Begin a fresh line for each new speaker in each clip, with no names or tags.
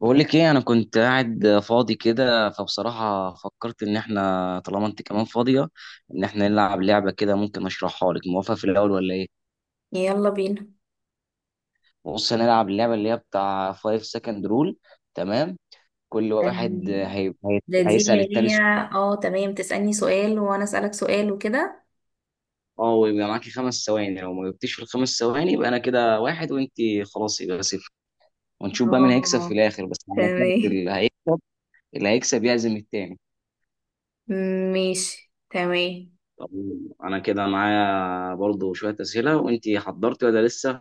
بقول لك ايه، انا كنت قاعد فاضي كده، فبصراحة فكرت ان احنا طالما انت كمان فاضية ان احنا نلعب لعبة كده. ممكن اشرحها لك؟ موافقة في الاول ولا ايه؟
يلا بينا.
بص، هنلعب اللعبة اللي هي بتاع 5 second rule. تمام. كل واحد
تمام. دي اللي
هيسأل التاني
هي.
سؤال.
اه، تمام، تسألني سؤال وانا اسألك سؤال وكده.
اه، ويبقى معاكي 5 ثواني. لو ما جبتيش في ال5 ثواني يبقى انا كده واحد وانت خلاص يبقى صفر. ونشوف بقى مين هيكسب في
اه
الاخر، بس على شرط
تمام،
اللي هيكسب يعزم التاني.
ماشي. تمام.
طب انا كده معايا برضو شوية اسئلة، وانتي حضرتي ولا لسه؟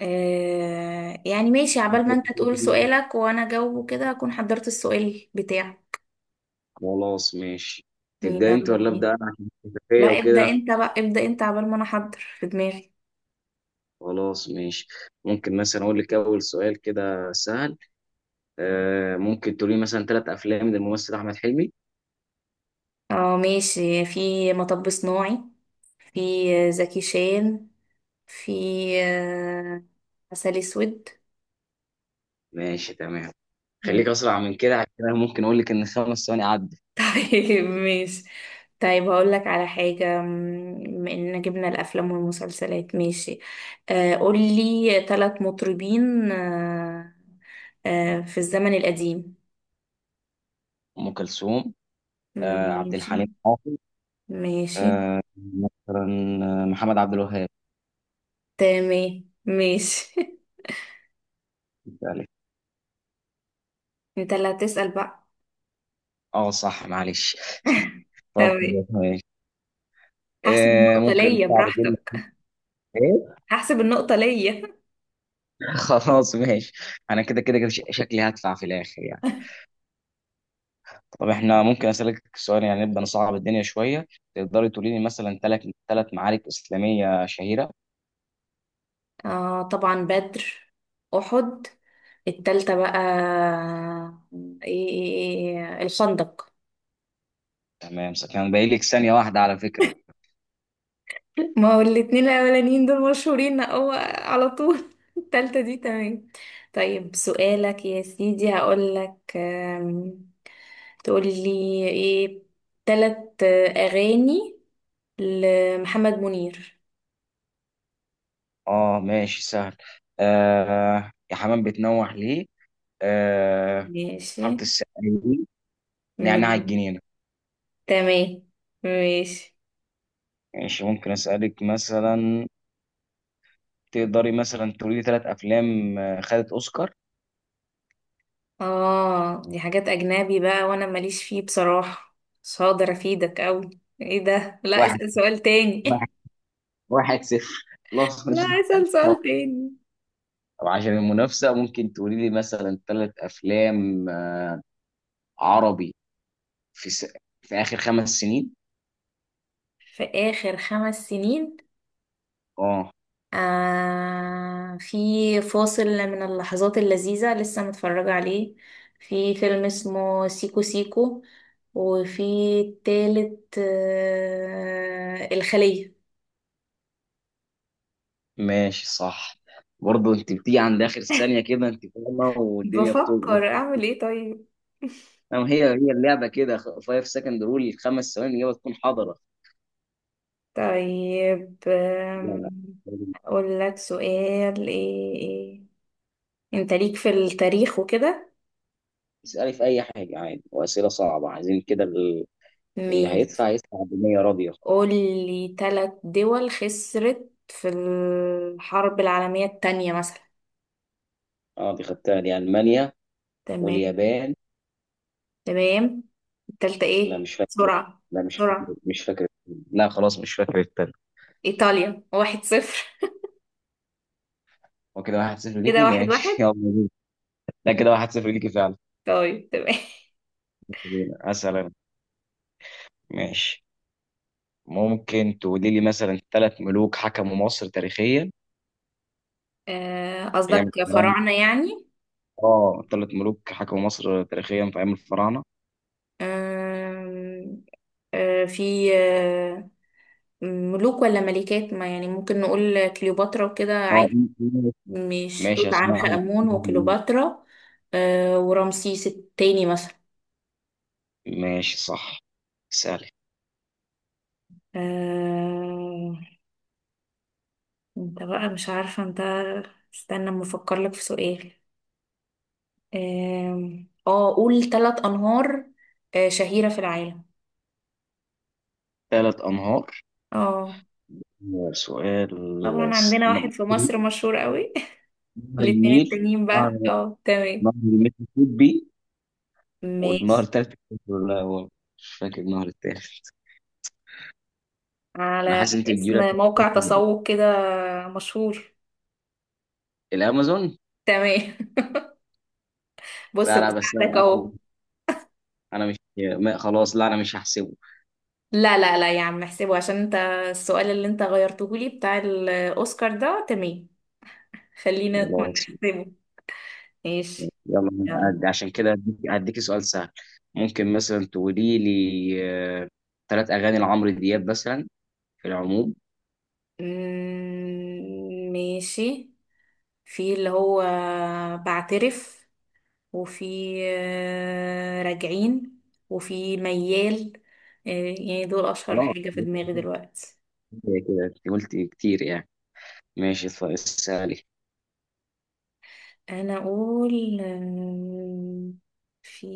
ماشي، عبال ما انت تقول سؤالك وانا اجاوبه كده اكون حضرت السؤال بتاعي.
خلاص ماشي. تبدأ انت
يلا
ولا
بينا.
ابدأ انا عشان
لا،
الخلفية
ابدأ
وكده؟
انت بقى، ابدأ انت عبال ما انا احضر في دماغي.
خلاص ماشي. ممكن مثلا اقول لك اول سؤال كده سهل. ممكن تقولي مثلا ثلاث افلام للممثل احمد حلمي.
اه ماشي، في مطب صناعي. في زكي شان. في آه، عسل اسود.
ماشي تمام. خليك اسرع من كده عشان أنا ممكن اقول لك ان ال5 ثواني عدى.
طيب ماشي. طيب هقول لك على حاجة بما اننا جبنا الافلام والمسلسلات. ماشي. قولي ثلاث مطربين في الزمن القديم.
ام كلثوم. عبد
ماشي.
الحليم حافظ.
ماشي.
آه مثلا آه، محمد عبد الوهاب.
تمام. ماشي. انت اللي هتسأل بقى.
اه صح، معلش. طب،
تمام. هحسب النقطة
ممكن
ليا
صعب كلمة.
براحتك.
ايه؟
هحسب النقطة ليا.
خلاص ماشي. انا كده شكلي هدفع في الاخر يعني. طب احنا ممكن اسالك سؤال؟ يعني نبدا نصعب الدنيا شويه. تقدري تقولي لي مثلا ثلاث معارك اسلاميه شهيره.
آه طبعا، بدر، أحد، التالتة بقى آه، إيه إيه- إيه، الخندق.
تمام، كان باقي لك 1 ثانية على فكره.
ما هو الاتنين الاولانيين دول مشهورين، هو على طول. التالتة دي تمام. طيب سؤالك يا سيدي، هقولك تقولي ايه، تلات اغاني لمحمد منير.
اه ماشي سهل. يا حمام بتنوح ليه. آه
ماشي.
حاره السقايين. نعناع
ماشي.
الجنينه.
تمام. ماشي.
ماشي، ممكن اسالك مثلا. تقدري مثلا تقولي لي ثلاث افلام خدت اوسكار؟
اه، دي حاجات اجنبي بقى وانا ماليش فيه بصراحة، مش هقدر افيدك اوي. ايه ده، لا
واحد
اسأل سؤال تاني.
واحد صفر. خلاص مش.
لا اسأل سؤال تاني.
طب عشان المنافسة ممكن تقولي لي مثلا ثلاث أفلام عربي في س... في آخر 5 سنين.
في آخر 5 سنين.
اه
في فاصل من اللحظات اللذيذة لسه متفرجة عليه. في فيلم اسمه سيكو سيكو، وفي التالت الخلية.
ماشي صح. برضه انت بتيجي عند آخر ثانية كده انت فاهمة والدنيا بتظلم.
بفكر أعمل إيه طيب.
أما هي اللعبة كده، 5 سكند رول، 5 ثواني الإجابة تكون حاضرة.
طيب
لا لا،
أقول لك سؤال إيه إيه. أنت ليك في التاريخ وكده.
اسألي في أي حاجة عادي، وأسئلة صعبة عايزين كده اللي
مين،
هيدفع يدفع بنية راضية.
قولي تلات دول خسرت في الحرب العالمية التانية مثلا.
اه دي خدتها، دي ألمانيا
تمام.
واليابان.
تمام. التالتة
لا
ايه
مش فاكر،
بسرعة. بسرعة.
مش فاكر. لا خلاص مش فاكر التاني.
إيطاليا 1-0.
هو كده 1-0
كده
ليكي،
واحد
ماشي. يلا
واحد
بينا. لا، كده 1-0 ليكي فعلا.
طيب تمام.
بينا. أسأل أنا. ماشي. ممكن تقولي لي مثلا ثلاث ملوك حكموا مصر تاريخيا أيام
قصدك
الفراعنة؟
فراعنة يعني.
اه، ثلاث ملوك حكموا مصر تاريخيا في أيام الفراعنة.
آم، آه، في آه، ملوك ولا ملكات، ما يعني ممكن نقول كليوباترا وكده
اه
عادي، مش توت
ماشي،
عنخ
أسمع لك.
آمون وكليوباترا ورمسيس التاني مثلا.
ماشي صح. سألي.
آه... انت بقى مش عارفة انت، استنى اما افكر لك في سؤال. اه قول ثلاث انهار شهيرة في العالم.
ثلاث أنهار؟
اه
سؤال.
طبعا، عندنا
نهر
واحد في مصر مشهور قوي. الاتنين
النيل.
التانيين
نهر
بقى، اه
نهر
تمام.
المسيسيبي. والنهر
ماشي.
التالت، لا هو مش فاكر النهر التالت. انا
على
حاسس انت بتجيب لي.
اسم موقع تسوق كده مشهور.
الامازون.
تمام. بص،
لا لا، بس
بساعدك
انا انا
اهو.
أنا مش ما خلاص، لا انا مش هحسبه.
لا لا لا يا عم، احسبه عشان انت السؤال اللي انت غيرته لي بتاع الاوسكار ده تمام. خلينا
خلاص.
نحسبه. ماشي.
يلا.
يلا.
أنا عشان كده هديك سؤال سهل. ممكن مثلا تقولي لي ثلاث اغاني لعمرو دياب مثلا في العموم.
ماشي. في اللي هو بعترف، وفي راجعين، وفي ميال. آه، يعني دول أشهر
خلاص،
حاجة في دماغي دلوقتي.
هي كده انت قلت كتير يعني. ماشي طيب، اسالي.
أنا أقول في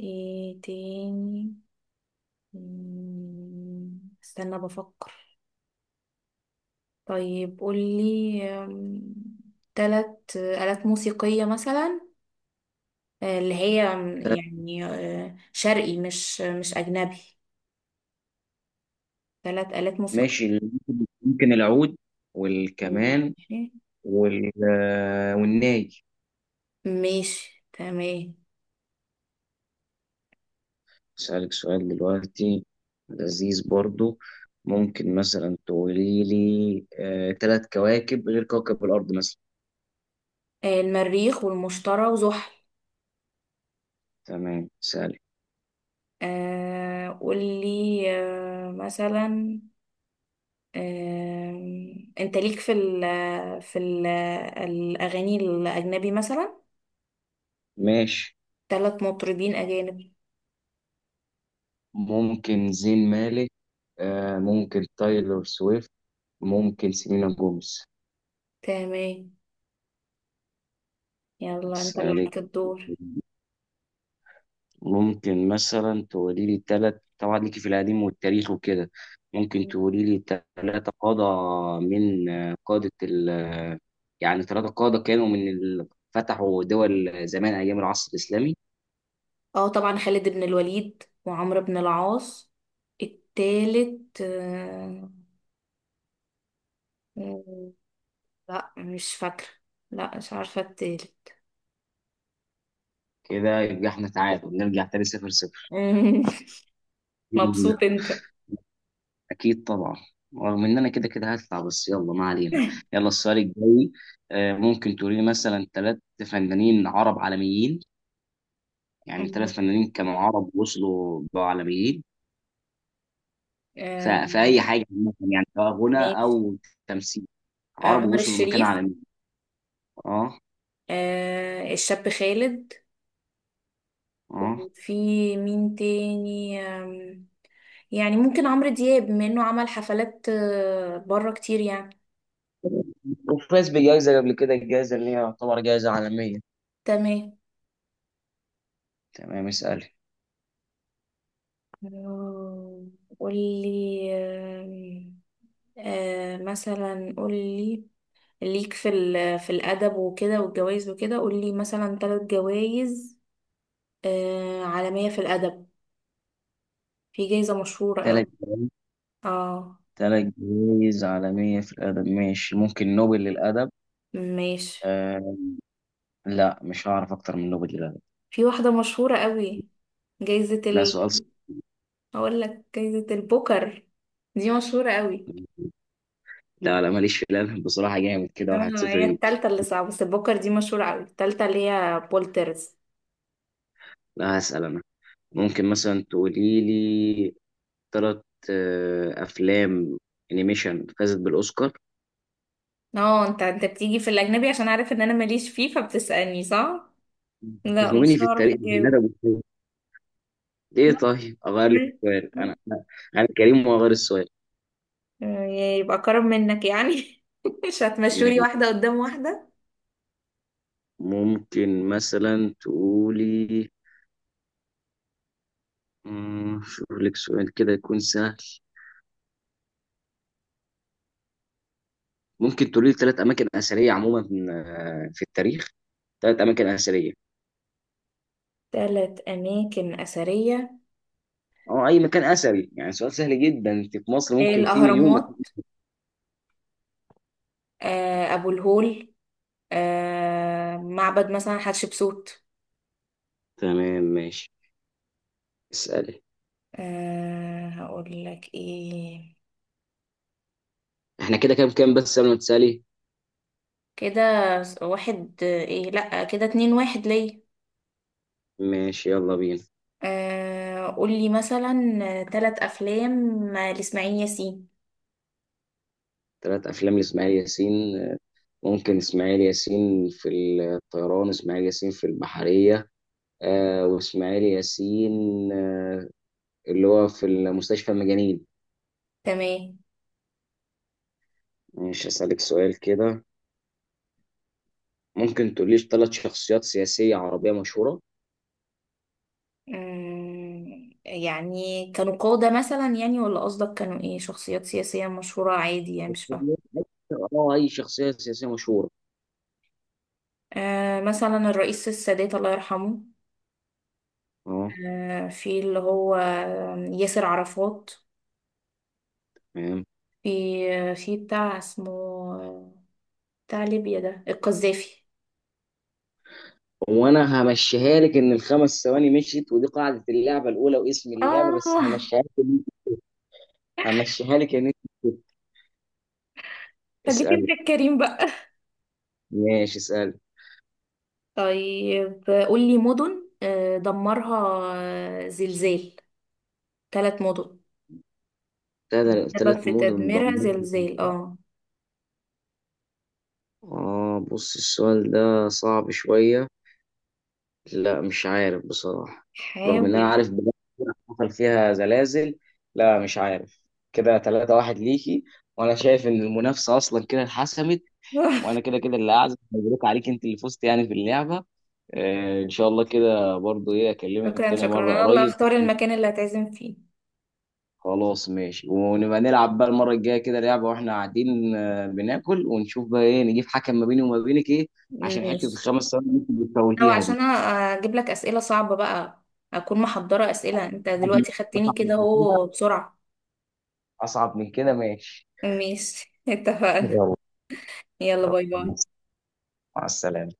إيه تاني. استنى بفكر. طيب قولي تلات آلات موسيقية مثلا، اللي هي يعني شرقي، مش أجنبي. ثلاث آلات موسيقى.
ماشي. ممكن العود والكمان
ماشي.
والناي.
ماشي، تمام.
أسألك سؤال دلوقتي لذيذ برضو. ممكن مثلا تقولي لي، تلات كواكب غير كوكب الأرض مثلا؟
المريخ والمشتري وزحل.
تمام سهل.
قولي مثلا آه، انت ليك في ال الأغاني الأجنبي مثلا،
ماشي.
ثلاث مطربين أجانب.
ممكن زين مالك، ممكن تايلور سويفت، ممكن سيلينا جوميز.
تمام. يلا، انت اللي
أسألك.
عليك الدور.
ممكن مثلا تقولي لي تلات، طبعا ليكي في القديم والتاريخ وكده. ممكن تقولي لي تلاتة قادة من قادة ال يعني تلاتة قادة كانوا من ال... فتحوا دول زمان أيام العصر الإسلامي.
اه طبعا، خالد بن الوليد وعمرو بن العاص. التالت آه، لا مش فاكرة، لا مش عارفة التالت.
كده يبقى احنا تعادل نرجع تاني 0-0.
مم. مبسوط انت.
أكيد طبعا. رغم إن أنا كده كده هطلع، بس يلا ما علينا. يلا السؤال الجاي. ممكن تقولي لي مثلا تلات فنانين عرب عالميين. يعني تلات
مم.
فنانين كانوا عرب وصلوا بقوا عالميين.
آه،
في اي حاجه عامه يعني، سواء غنى
ماشي.
او تمثيل. عرب
عمر
وصلوا لمكانه
الشريف.
عالميه. اه.
الشاب خالد.
اه
وفي مين تاني، يعني ممكن عمرو دياب بما انه عمل حفلات بره كتير يعني.
وفاز بجائزة قبل كده الجائزة اللي هي يعتبر جائزة عالمية.
تمام.
تمام، اسألي.
آه، قولي آم، آه مثلا قولي، ليك في في الأدب وكده والجوائز وكده، قولي مثلا ثلاث جوائز عالمية في الأدب. في جايزة مشهورة
تلات
أوي. اه
تلات جوائز عالمية في الأدب، ماشي. ممكن نوبل للأدب.
ماشي.
آه. لا مش هعرف أكتر من نوبل للأدب.
في واحدة مشهورة أوي، جايزة
لا
ال.
سؤال صعب.
أقول لك جايزة البوكر، دي مشهورة أوي.
لا لا، ماليش في الأدب بصراحة. جامد كده واحد
اه
صفر
هي
ليك.
التالتة اللي صعبة، بس البوكر دي مشهورة أوي، التالتة اللي هي بولترز.
لا هسأل أنا. ممكن مثلا تقولي لي تلات أفلام أنيميشن فازت بالأوسكار؟
اه انت بتيجي في الأجنبي عشان عارف ان انا ماليش فيه فبتسألني، صح؟ لا
تزنقني
مش
في
هعرف
الطريق يا ندى
اجاوب.
أبو حميد. ايه، طيب اغير لك
مم.
السؤال. انا انا أنا كريم واغير السؤال.
آه، يبقى كرم منك يعني. مش هتمشولي
ماشي.
واحدة قدام واحدة.
ممكن مثلا تقولي، شوف لك سؤال كده يكون سهل. ممكن تقولي لي ثلاث اماكن اثريه عموما في التاريخ. ثلاث اماكن اثريه.
ثلاث أماكن أثرية:
اه اي مكان اثري، يعني سؤال سهل جدا. انت في مصر ممكن في مليون مكان.
الأهرامات، أبو الهول، معبد مثلا حتشبسوت.
تمام ماشي، اسالي.
هقول لك إيه.
احنا كده كام كام بس قبل ما تسالي؟
كده واحد إيه، لأ كده 2-1 ليا.
ماشي يلا بينا.
قولي مثلا ثلاث أفلام لإسماعيل ياسين.
ثلاث افلام لاسماعيل ياسين، ممكن اسماعيل ياسين في الطيران، اسماعيل ياسين في البحرية، واسماعيل ياسين آه اللي هو في المستشفى المجانين.
تمام.
مش هسألك سؤال كده. ممكن تقوليش ثلاث شخصيات سياسية عربية مشهورة؟
يعني كانوا قادة مثلا يعني، ولا قصدك كانوا ايه، شخصيات سياسية مشهورة عادي يعني، مش فاهمة.
اه اي شخصية سياسية مشهورة.
آه مثلا الرئيس السادات الله يرحمه.
اه.
آه في اللي هو ياسر عرفات.
تمام.
في في بتاع اسمه بتاع ليبيا ده القذافي.
وانا همشيها لك ان ال5 ثواني مشيت، ودي قاعدة اللعبة الاولى واسم
اه
اللعبة، بس همشيها لك ان انت.
خليك
اسأل.
انت الكريم بقى.
ماشي اسأل.
طيب قولي مدن دمرها زلزال، ثلاث مدن السبب
ثلاث
في
مدن
تدميرها
دمرت،
زلزال، اه.
بص السؤال ده صعب شوية. لا مش عارف بصراحة. رغم إن أنا
حاول.
عارف بلد حصل فيها زلازل. لا مش عارف. كده 3-1 ليكي. وأنا شايف إن المنافسة أصلا كده اتحسمت. وأنا كده كده اللي أعزم. مبروك عليك، أنت اللي فزت يعني في اللعبة. إن شاء الله كده برضو، إيه أكلمك
شكرا
تاني
شكرا،
مرة
انا اللي
قريب.
اختار المكان اللي هتعزم فيه.
خلاص ماشي، ونبقى نلعب بقى المرة الجاية كده لعبة وإحنا قاعدين، بناكل ونشوف بقى إيه، نجيب حكم ما بيني وما بينك إيه. عشان حتة
ماشي،
ال5 ثواني اللي أنت
لو
بتفوتيها دي.
عشان اجيب لك اسئله صعبه بقى اكون محضره اسئله، انت دلوقتي خدتني
أصعب
كده
من كده،
اهو بسرعه.
أصعب من كده ماشي.
ماشي اتفقنا.
يلا.
يلا
يلا
باي باي.
مع السلامة.